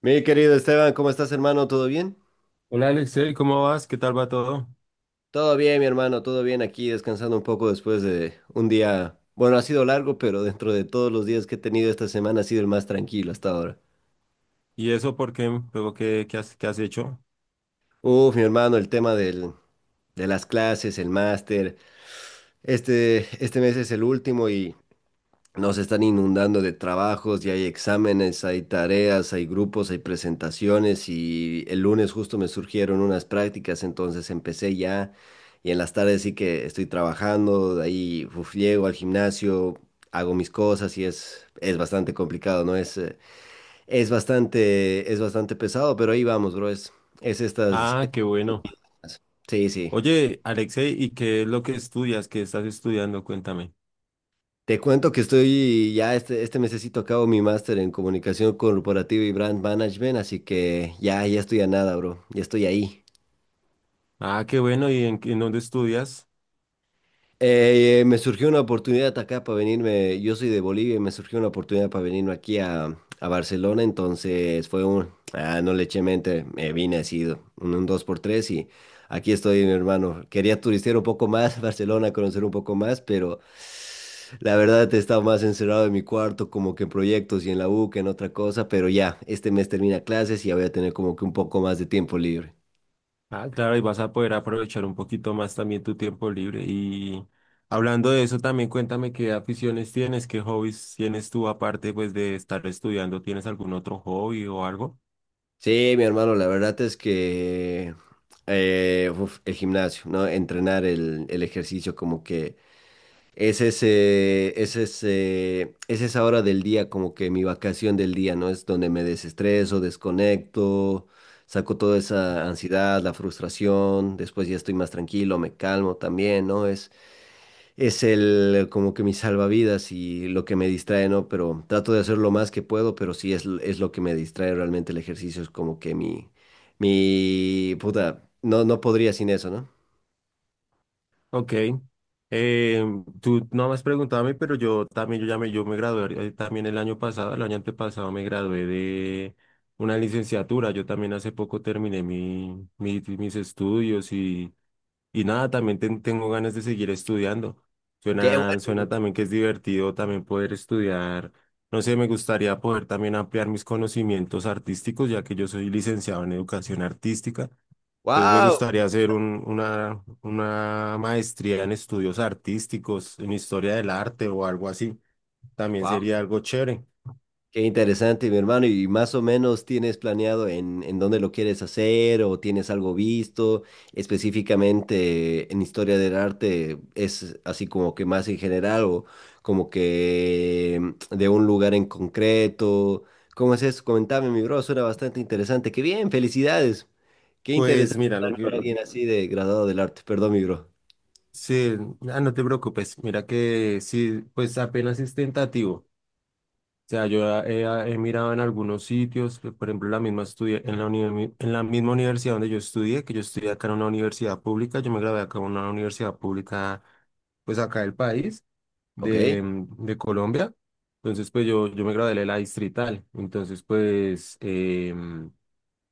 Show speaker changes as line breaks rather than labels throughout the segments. Mi querido Esteban, ¿cómo estás, hermano? ¿Todo bien?
Hola Alexei, ¿cómo vas? ¿Qué tal va todo?
Todo bien, mi hermano, todo bien aquí, descansando un poco después de un día, bueno, ha sido largo, pero dentro de todos los días que he tenido esta semana ha sido el más tranquilo hasta ahora.
¿Y eso por qué? Luego, ¿qué has hecho?
Uf, mi hermano, el tema de las clases, el máster, este mes es el último y nos están inundando de trabajos y hay exámenes, hay tareas, hay grupos, hay presentaciones y el lunes justo me surgieron unas prácticas, entonces empecé ya y en las tardes sí que estoy trabajando, de ahí uf, llego al gimnasio, hago mis cosas y es bastante complicado, ¿no? Es bastante pesado, pero ahí vamos, bro, es estas...
Ah, qué bueno.
estas- Sí, sí.
Oye, Alexei, ¿y qué es lo que estudias? ¿Qué estás estudiando? Cuéntame.
Te cuento que estoy ya este mesecito acabo mi máster en comunicación corporativa y brand management, así que ya estoy a nada, bro. Ya estoy ahí.
Ah, qué bueno. ¿Y en dónde estudias?
Me surgió una oportunidad acá para venirme, yo soy de Bolivia y me surgió una oportunidad para venirme aquí a Barcelona, entonces fue no le eché mente, me vine así, un dos por tres y aquí estoy, mi hermano. Quería turistear un poco más, Barcelona, conocer un poco más, pero la verdad he estado más encerrado en mi cuarto, como que en proyectos y en la U que en otra cosa, pero ya, este mes termina clases y ya voy a tener como que un poco más de tiempo libre.
Ah, claro, y vas a poder aprovechar un poquito más también tu tiempo libre. Y hablando de eso, también cuéntame qué aficiones tienes, qué hobbies tienes tú aparte pues de estar estudiando. ¿Tienes algún otro hobby o algo?
Sí, mi hermano, la verdad es que el gimnasio, ¿no? Entrenar el ejercicio como que es esa hora del día, como que mi vacación del día, ¿no? Es donde me desestreso, desconecto, saco toda esa ansiedad, la frustración, después ya estoy más tranquilo, me calmo también, ¿no? Es el, como que mi salvavidas y lo que me distrae, ¿no? Pero trato de hacer lo más que puedo, pero sí es lo que me distrae realmente el ejercicio, es como que mi, puta, no, no podría sin eso, ¿no?
Ok. Eh, Tú no me has preguntado a mí, pero yo también, yo me gradué también el año pasado, el año antepasado me gradué de una licenciatura. Yo también hace poco terminé mis estudios y nada, también tengo ganas de seguir estudiando.
¡Qué bueno!
Suena también que es divertido también poder estudiar. No sé, me gustaría poder también ampliar mis conocimientos artísticos, ya que yo soy licenciado en educación artística. Entonces me
¡Wow!
gustaría hacer una maestría en estudios artísticos, en historia del arte o algo así. También sería algo chévere.
Qué interesante, mi hermano. ¿Y más o menos tienes planeado en dónde lo quieres hacer o tienes algo visto específicamente en historia del arte? ¿Es así como que más en general o como que de un lugar en concreto? ¿Cómo es eso? Comentame, mi bro. Suena bastante interesante. Qué bien, felicidades. Qué
Pues
interesante
mira, lo
hablar con
que...
alguien así de graduado del arte. Perdón, mi bro.
Sí, ah, no te preocupes. Mira que sí, pues apenas es tentativo. Sea, yo he, he mirado en algunos sitios, que, por ejemplo, la misma estudia, en la, en la misma universidad donde yo estudié, que yo estudié acá en una universidad pública, yo me gradué acá en una universidad pública, pues acá del país,
Ok.
de, de Colombia. Entonces, pues yo me gradué de la distrital. Entonces, pues,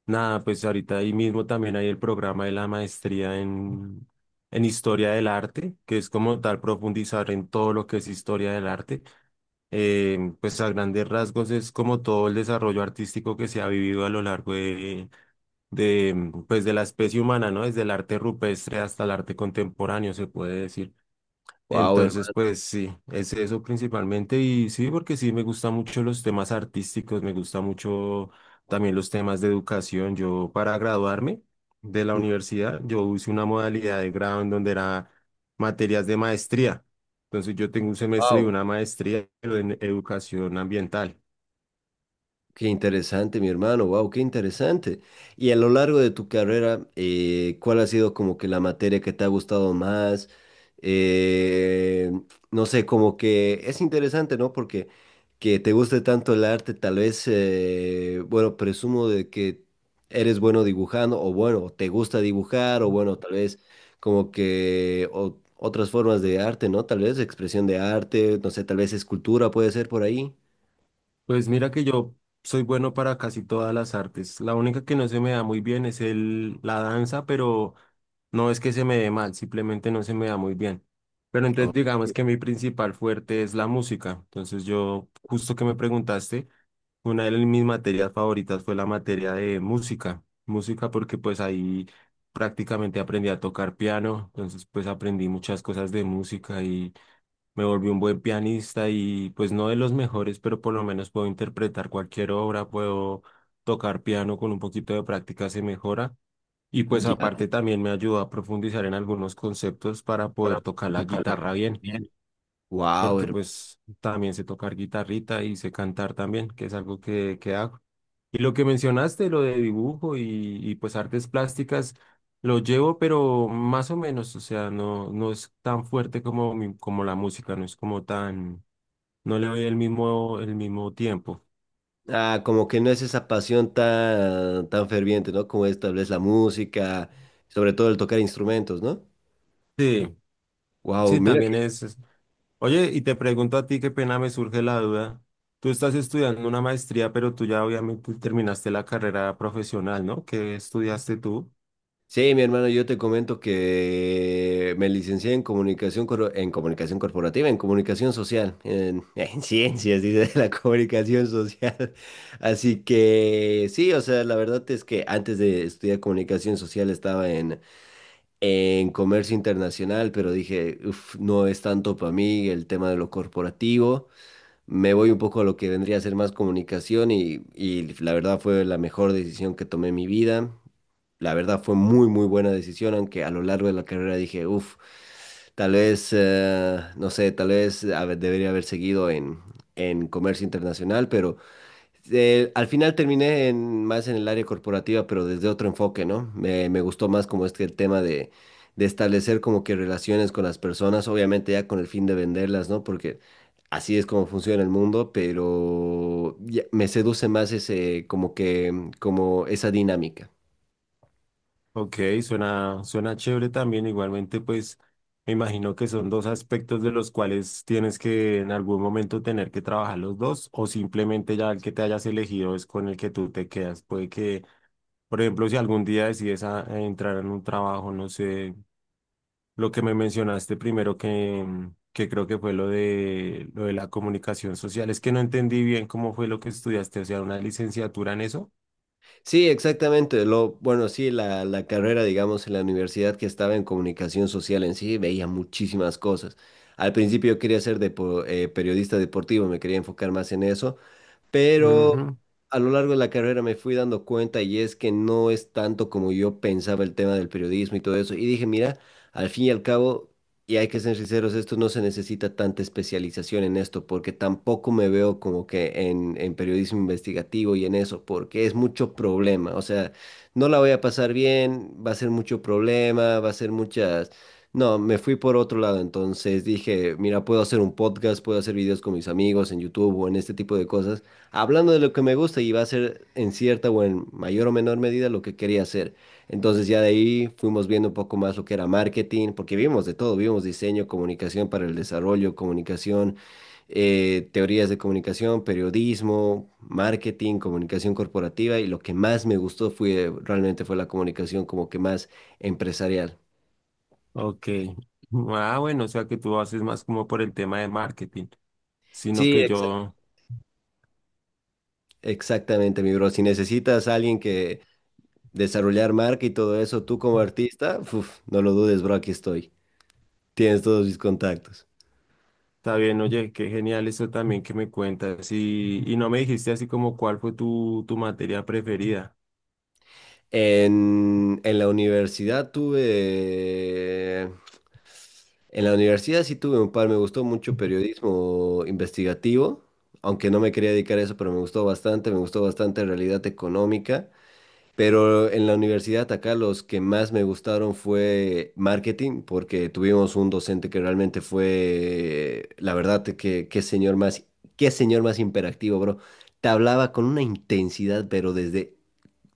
nada, pues ahorita ahí mismo también hay el programa de la maestría en historia del arte, que es como tal profundizar en todo lo que es historia del arte. Pues a grandes rasgos es como todo el desarrollo artístico que se ha vivido a lo largo de, pues de la especie humana, ¿no? Desde el arte rupestre hasta el arte contemporáneo, se puede decir.
Wow,
Entonces,
hermano.
pues sí, es eso principalmente. Y sí, porque sí, me gustan mucho los temas artísticos, me gusta mucho también los temas de educación. Yo para graduarme de la universidad, yo hice una modalidad de grado en donde era materias de maestría. Entonces, yo tengo un semestre y
Wow.
una maestría, pero en educación ambiental.
Qué interesante, mi hermano, wow, qué interesante. Y a lo largo de tu carrera, ¿cuál ha sido como que la materia que te ha gustado más? Eh, no sé, como que es interesante, ¿no? Porque que te guste tanto el arte, tal vez, bueno, presumo de que eres bueno dibujando, o bueno, te gusta dibujar, o bueno, tal vez como que otras formas de arte, ¿no? Tal vez expresión de arte, no sé, tal vez escultura puede ser por ahí.
Pues mira que yo soy bueno para casi todas las artes. La única que no se me da muy bien es el, la danza, pero no es que se me dé mal, simplemente no se me da muy bien. Pero
o-
entonces digamos que mi principal fuerte es la música. Entonces yo, justo que me preguntaste, una de mis materias favoritas fue la materia de música. Música porque pues ahí prácticamente aprendí a tocar piano, entonces pues aprendí muchas cosas de música y me volví un buen pianista y pues no de los mejores, pero por lo menos puedo interpretar cualquier obra, puedo tocar piano con un poquito de práctica se mejora. Y pues
ya.
aparte también me ayudó a profundizar en algunos conceptos para
Para
poder tocar la
tocarla
guitarra bien,
bien. Wow.
porque pues también sé tocar guitarrita y sé cantar también, que es algo que hago. Y lo que mencionaste, lo de dibujo y pues artes plásticas, lo llevo, pero más o menos, o sea, no, no es tan fuerte como, como la música, no es como tan no le doy el mismo tiempo.
Ah, como que no es esa pasión tan, tan ferviente, ¿no? Como es tal vez la música, sobre todo el tocar instrumentos, ¿no?
Sí,
Wow,
sí,
mira.
también es. Es- oye, y te pregunto a ti, qué pena me surge la duda. Tú estás estudiando una maestría, pero tú ya obviamente terminaste la carrera profesional, ¿no? ¿Qué estudiaste tú?
Sí, mi hermano, yo te comento que me licencié en comunicación, en comunicación corporativa, en comunicación social, en, en ciencias, dice, de la comunicación social. Así que sí, o sea, la verdad es que antes de estudiar comunicación social estaba en comercio internacional, pero dije, "Uf, no es tanto para mí el tema de lo corporativo. Me voy un poco a lo que vendría a ser más comunicación y la verdad fue la mejor decisión que tomé en mi vida. La verdad fue muy, muy buena decisión, aunque a lo largo de la carrera dije, uff, tal vez, no sé, tal vez a ver, debería haber seguido en comercio internacional, pero al final terminé más en el área corporativa, pero desde otro enfoque, ¿no? Me gustó más como este el tema de establecer como que relaciones con las personas, obviamente ya con el fin de venderlas, ¿no? Porque así es como funciona el mundo, pero me seduce más ese, como que, como esa dinámica.
Ok, suena, suena chévere también. Igualmente, pues me imagino que son dos aspectos de los cuales tienes que en algún momento tener que trabajar los dos, o simplemente ya el que te hayas elegido es con el que tú te quedas. Puede que por ejemplo, si algún día decides a entrar en un trabajo, no sé, lo que me mencionaste primero que, que creo que fue lo de la comunicación social, es que no entendí bien cómo fue lo que estudiaste, o sea, una licenciatura en eso.
Sí, exactamente. Bueno, sí, la carrera, digamos, en la universidad que estaba en comunicación social en sí, veía muchísimas cosas. Al principio yo quería ser periodista deportivo, me quería enfocar más en eso, pero
Ujú,
a lo largo de la carrera me fui dando cuenta y es que no es tanto como yo pensaba el tema del periodismo y todo eso. Y dije, mira, al fin y al cabo, y hay que ser sinceros, esto no se necesita tanta especialización en esto, porque tampoco me veo como que en periodismo investigativo y en eso, porque es mucho problema. O sea, no la voy a pasar bien, va a ser mucho problema, va a ser muchas... No, me fui por otro lado, entonces dije, mira, puedo hacer un podcast, puedo hacer videos con mis amigos en YouTube o en este tipo de cosas hablando de lo que me gusta y va a ser en cierta o en mayor o menor medida lo que quería hacer. Entonces ya de ahí fuimos viendo un poco más lo que era marketing, porque vimos de todo, vimos diseño, comunicación para el desarrollo, comunicación, teorías de comunicación, periodismo, marketing, comunicación corporativa y lo que más me gustó fue realmente fue la comunicación como que más empresarial.
ok. Ah, bueno, o sea que tú haces más como por el tema de marketing, sino
Sí,
que yo,
exactamente, mi bro. Si necesitas a alguien que desarrollar marca y todo eso, tú como artista, uf, no lo dudes, bro, aquí estoy. Tienes todos mis contactos.
está bien, oye, qué genial eso también que me cuentas y no me dijiste así como cuál fue tu materia preferida.
En la universidad tuve... En la universidad sí tuve un par, me gustó mucho periodismo investigativo, aunque no me quería dedicar a eso, pero me gustó bastante realidad económica. Pero en la universidad acá los que más me gustaron fue marketing, porque tuvimos un docente que realmente fue, la verdad, que qué señor más imperactivo, bro. Te hablaba con una intensidad, pero desde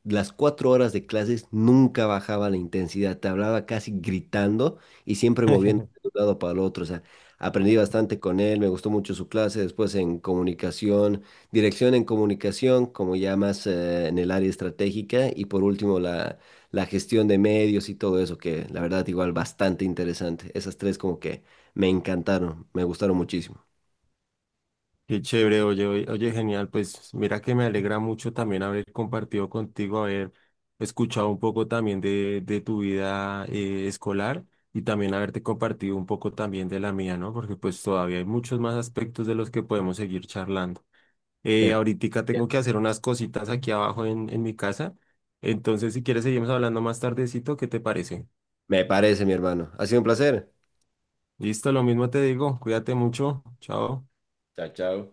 las 4 horas de clases nunca bajaba la intensidad, te hablaba casi gritando y siempre moviendo de un lado para el otro. O sea, aprendí bastante con él, me gustó mucho su clase, después en comunicación, dirección en comunicación, como ya más en el área estratégica, y por último la gestión de medios y todo eso, que la verdad igual bastante interesante. Esas tres como que me encantaron, me gustaron muchísimo.
Qué chévere, oye, oye, oye, genial. Pues mira que me alegra mucho también haber compartido contigo, haber escuchado un poco también de tu vida escolar y también haberte compartido un poco también de la mía, ¿no? Porque pues todavía hay muchos más aspectos de los que podemos seguir charlando.
Me,
Ahoritica tengo que hacer unas cositas aquí abajo en mi casa. Entonces, si quieres, seguimos hablando más tardecito, ¿qué te parece?
me parece, mi hermano. Ha sido un placer.
Listo, lo mismo te digo. Cuídate mucho. Chao.
Chao, chao.